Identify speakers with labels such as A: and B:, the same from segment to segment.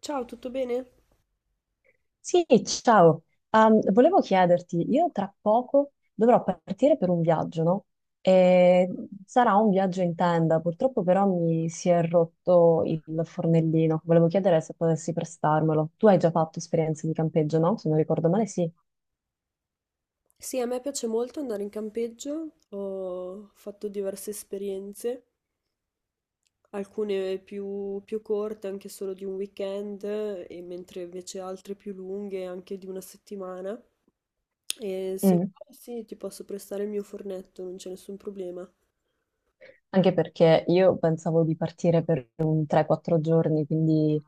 A: Ciao, tutto bene?
B: Sì, ciao. Volevo chiederti, io tra poco dovrò partire per un viaggio, no? E sarà un viaggio in tenda, purtroppo però mi si è rotto il fornellino. Volevo chiedere se potessi prestarmelo. Tu hai già fatto esperienze di campeggio, no? Se non ricordo male, sì.
A: Sì, a me piace molto andare in campeggio, ho fatto diverse esperienze, alcune più corte, anche solo di un weekend, e mentre invece altre più lunghe, anche di una settimana. E se
B: Mm.
A: vuoi, sì, ti posso prestare il mio fornetto, non c'è nessun problema.
B: Anche perché io pensavo di partire per un 3-4 giorni, quindi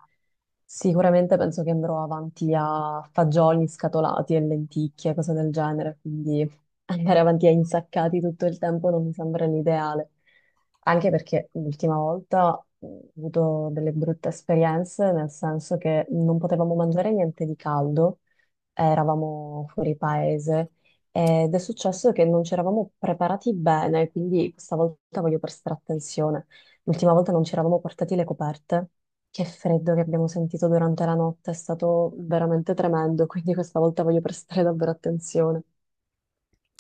B: sicuramente penso che andrò avanti a fagioli scatolati e lenticchie, cose del genere, quindi andare avanti a insaccati tutto il tempo non mi sembra l'ideale. Anche perché l'ultima volta ho avuto delle brutte esperienze, nel senso che non potevamo mangiare niente di caldo, eravamo fuori paese ed è successo che non ci eravamo preparati bene, quindi questa volta voglio prestare attenzione. L'ultima volta non ci eravamo portati le coperte. Che freddo che abbiamo sentito durante la notte, è stato veramente tremendo, quindi questa volta voglio prestare davvero attenzione.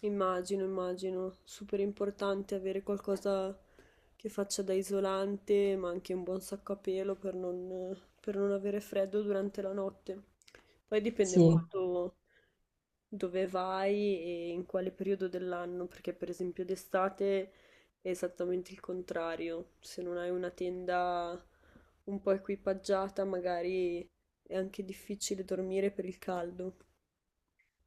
A: Immagino, immagino, super importante avere qualcosa che faccia da isolante, ma anche un buon sacco a pelo per non avere freddo durante la notte. Poi dipende
B: Sì.
A: molto dove vai e in quale periodo dell'anno, perché per esempio d'estate è esattamente il contrario. Se non hai una tenda un po' equipaggiata, magari è anche difficile dormire per il caldo.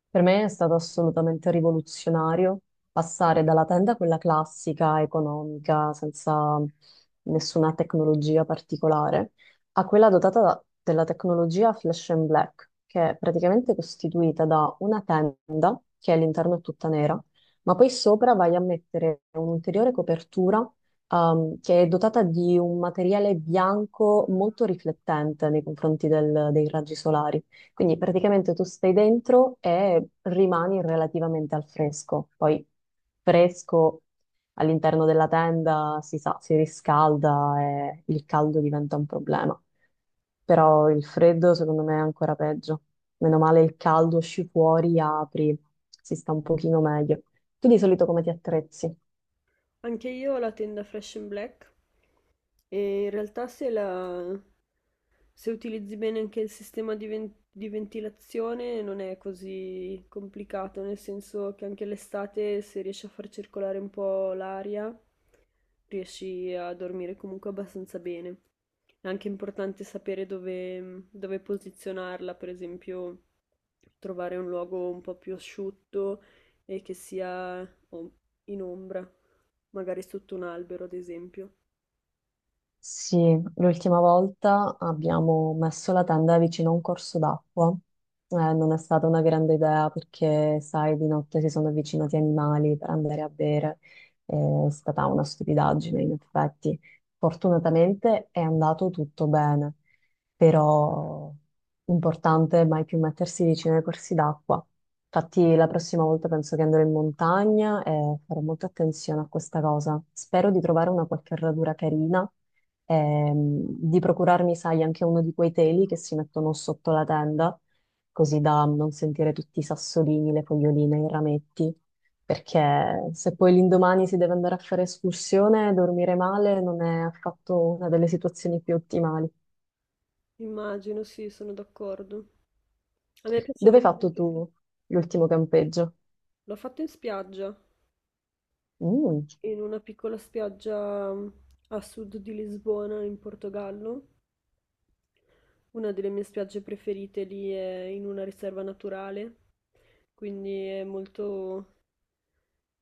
B: Per me è stato assolutamente rivoluzionario passare dalla tenda, quella classica, economica, senza nessuna tecnologia particolare, a quella dotata della tecnologia Flash and Black, che è praticamente costituita da una tenda, che all'interno è tutta nera, ma poi sopra vai a mettere un'ulteriore copertura, che è dotata di un materiale bianco molto riflettente nei confronti dei raggi solari. Quindi praticamente tu stai dentro e rimani relativamente al fresco. Poi fresco all'interno della tenda si sa, si riscalda e il caldo diventa un problema. Però il freddo secondo me è ancora peggio. Meno male il caldo, esci fuori, apri, si sta un pochino meglio. Tu di solito come ti attrezzi?
A: Anche io ho la tenda Fresh and Black e in realtà se utilizzi bene anche il sistema di ventilazione non è così complicato, nel senso che anche l'estate se riesci a far circolare un po' l'aria riesci a dormire comunque abbastanza bene. È anche importante sapere dove posizionarla, per esempio trovare un luogo un po' più asciutto e che sia om- in ombra, magari sotto un albero, ad esempio.
B: Sì, l'ultima volta abbiamo messo la tenda vicino a un corso d'acqua. Non è stata una grande idea perché, sai, di notte si sono avvicinati animali per andare a bere. È stata una stupidaggine, in effetti. Fortunatamente è andato tutto bene, però importante mai più mettersi vicino ai corsi d'acqua. Infatti, la prossima volta penso che andrò in montagna e farò molta attenzione a questa cosa. Spero di trovare una qualche radura carina, di procurarmi, sai, anche uno di quei teli che si mettono sotto la tenda, così da non sentire tutti i sassolini, le foglioline, i rametti, perché se poi l'indomani si deve andare a fare escursione, dormire male non è affatto una delle situazioni più ottimali.
A: Immagino, sì, sono d'accordo. A me piace
B: Dove
A: molto.
B: hai fatto tu l'ultimo campeggio?
A: L'ho fatto in spiaggia,
B: Mm.
A: in una piccola spiaggia a sud di Lisbona, in Portogallo. Una delle mie spiagge preferite lì è in una riserva naturale, quindi è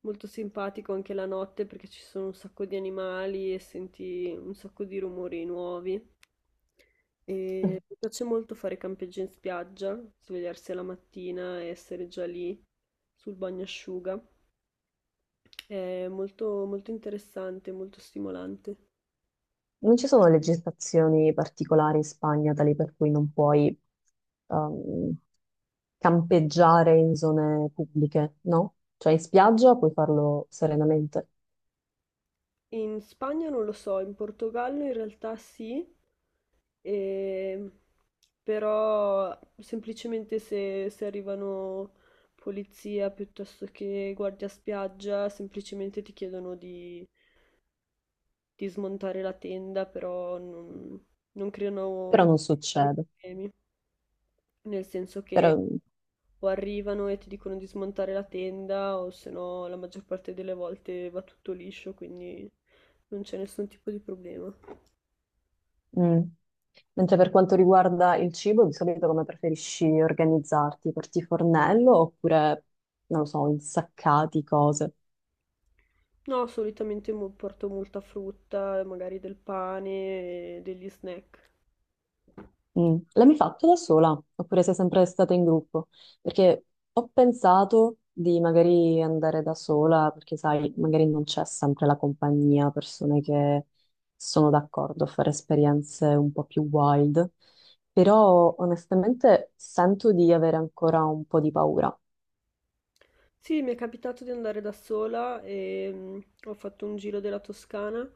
A: molto simpatico anche la notte perché ci sono un sacco di animali e senti un sacco di rumori nuovi. E mi piace molto fare campeggio in spiaggia, svegliarsi la mattina e essere già lì sul bagnasciuga. È molto interessante, molto stimolante.
B: Non ci sono legislazioni particolari in Spagna tali per cui non puoi ehm, campeggiare in zone pubbliche, no? Cioè in spiaggia puoi farlo serenamente,
A: In Spagna non lo so, in Portogallo in realtà sì, E- però semplicemente se arrivano polizia piuttosto che guardia spiaggia, semplicemente ti chiedono di smontare la tenda, però non, non
B: però
A: creano
B: non
A: tali
B: succede.
A: problemi, nel senso che
B: Però,
A: o arrivano e ti dicono di smontare la tenda, o se no la maggior parte delle volte va tutto liscio, quindi non c'è nessun tipo di problema.
B: mm. Mentre per quanto riguarda il cibo, di solito come preferisci organizzarti? Porti fornello oppure, non lo so, insaccati cose?
A: No, solitamente porto molta frutta, magari del pane, e degli snack.
B: Mm. L'hai mai fatto da sola? Oppure sei sempre stata in gruppo? Perché ho pensato di magari andare da sola, perché sai, magari non c'è sempre la compagnia, persone che sono d'accordo a fare esperienze un po' più wild, però onestamente sento di avere ancora un po' di paura.
A: Sì, mi è capitato di andare da sola e ho fatto un giro della Toscana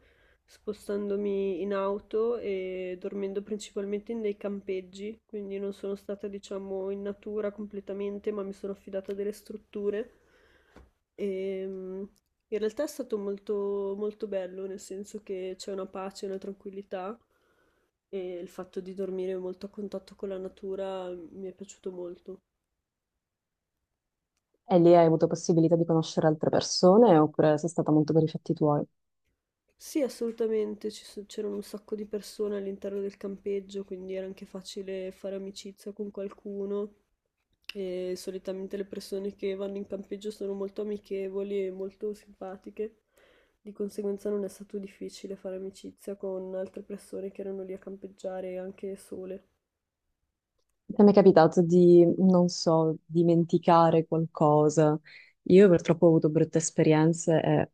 A: spostandomi in auto e dormendo principalmente in dei campeggi, quindi non sono stata, diciamo, in natura completamente, ma mi sono affidata a delle strutture. E, mm, In realtà è stato molto bello, nel senso che c'è una pace, una tranquillità e il fatto di dormire molto a contatto con la natura mi è piaciuto molto.
B: E lì hai avuto possibilità di conoscere altre persone oppure sei stata molto per i fatti tuoi?
A: Sì, assolutamente, c'erano un sacco di persone all'interno del campeggio, quindi era anche facile fare amicizia con qualcuno. E solitamente le persone che vanno in campeggio sono molto amichevoli e molto simpatiche, di conseguenza non è stato difficile fare amicizia con altre persone che erano lì a campeggiare anche sole.
B: Ti è mai capitato di, non so, dimenticare qualcosa? Io purtroppo ho avuto brutte esperienze e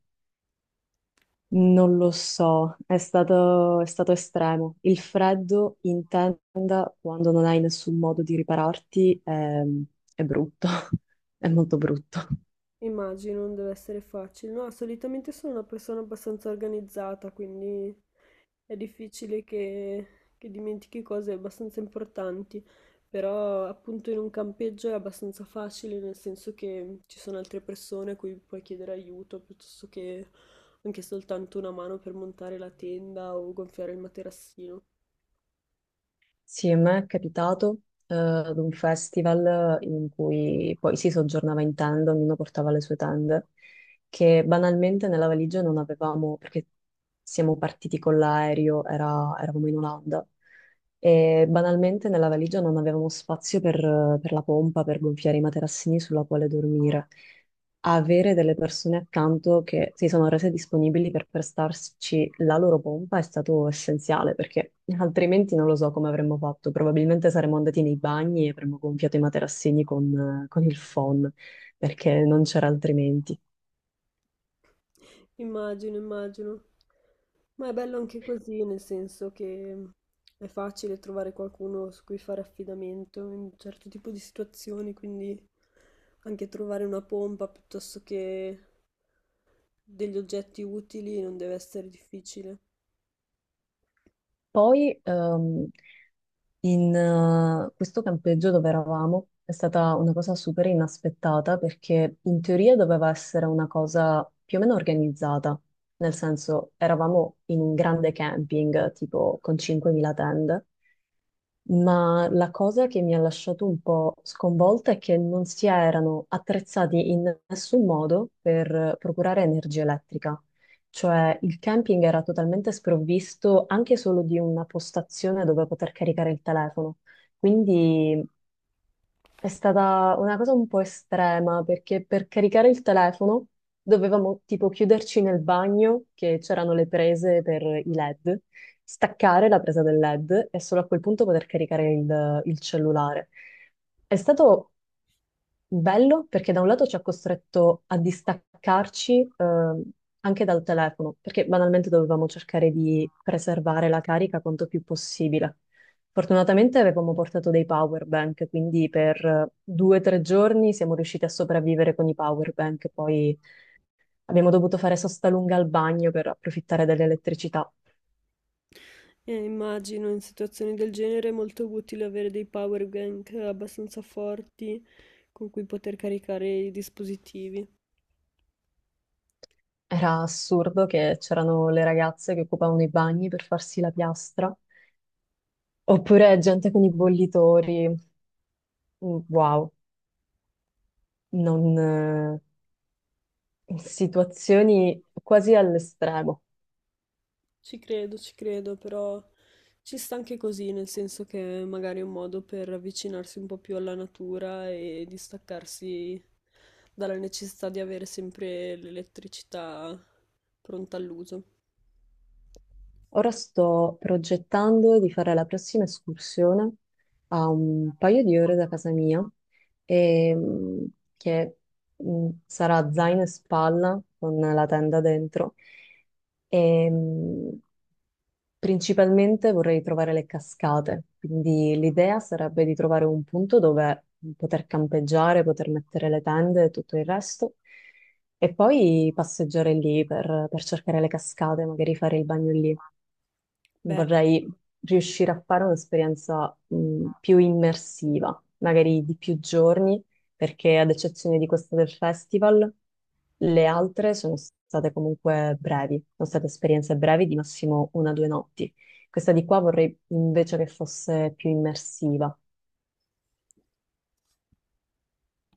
B: non lo so, è stato estremo. Il freddo in tenda, quando non hai nessun modo di ripararti, è brutto, è molto brutto.
A: Immagino, non deve essere facile. No, solitamente sono una persona abbastanza organizzata, quindi è difficile che dimentichi cose abbastanza importanti, però appunto in un campeggio è abbastanza facile, nel senso che ci sono altre persone a cui puoi chiedere aiuto, piuttosto che anche soltanto una mano per montare la tenda o gonfiare il materassino.
B: Sì, a me è capitato, ad un festival in cui poi si soggiornava in tenda, ognuno portava le sue tende, che banalmente nella valigia non avevamo, perché siamo partiti con l'aereo, eravamo in Olanda, e banalmente nella valigia non avevamo spazio per, la pompa, per gonfiare i materassini sulla quale dormire. Avere delle persone accanto che si sono rese disponibili per prestarci la loro pompa è stato essenziale, perché altrimenti non lo so come avremmo fatto. Probabilmente saremmo andati nei bagni e avremmo gonfiato i materassini con il phon, perché non c'era altrimenti.
A: Immagino, immagino. Ma è bello anche così, nel senso che è facile trovare qualcuno su cui fare affidamento in un certo tipo di situazioni, quindi anche trovare una pompa piuttosto che degli oggetti utili non deve essere difficile.
B: Poi, in questo campeggio dove eravamo è stata una cosa super inaspettata perché in teoria doveva essere una cosa più o meno organizzata, nel senso eravamo in un grande camping tipo con 5.000 tende, ma la cosa che mi ha lasciato un po' sconvolta è che non si erano attrezzati in nessun modo per procurare energia elettrica. Cioè il camping era totalmente sprovvisto anche solo di una postazione dove poter caricare il telefono. Quindi è stata una cosa un po' estrema perché per caricare il telefono dovevamo tipo chiuderci nel bagno che c'erano le prese per i LED, staccare la presa del LED e solo a quel punto poter caricare il cellulare. È stato bello perché da un lato ci ha costretto a distaccarci, anche dal telefono, perché banalmente dovevamo cercare di preservare la carica quanto più possibile. Fortunatamente avevamo portato dei power bank, quindi per 2 o 3 giorni siamo riusciti a sopravvivere con i power bank, poi abbiamo dovuto fare sosta lunga al bagno per approfittare dell'elettricità.
A: E immagino in situazioni del genere è molto utile avere dei power bank abbastanza forti con cui poter caricare i dispositivi.
B: Era assurdo che c'erano le ragazze che occupavano i bagni per farsi la piastra, oppure gente con i bollitori. Wow, non, in situazioni quasi all'estremo.
A: Ci credo, però ci sta anche così, nel senso che magari è un modo per avvicinarsi un po' più alla natura e distaccarsi dalla necessità di avere sempre l'elettricità pronta all'uso.
B: Ora sto progettando di fare la prossima escursione a un paio di ore da casa mia, e, che sarà zaino e spalla con la tenda dentro. E, principalmente vorrei trovare le cascate, quindi l'idea sarebbe di trovare un punto dove poter campeggiare, poter mettere le tende e tutto il resto, e poi passeggiare lì per, cercare le cascate, magari fare il bagno lì.
A: Beh.
B: Vorrei riuscire a fare un'esperienza più immersiva, magari di più giorni, perché ad eccezione di questa del festival, le altre sono state comunque brevi, sono state esperienze brevi di massimo 1 o 2 notti. Questa di qua vorrei invece che fosse più immersiva.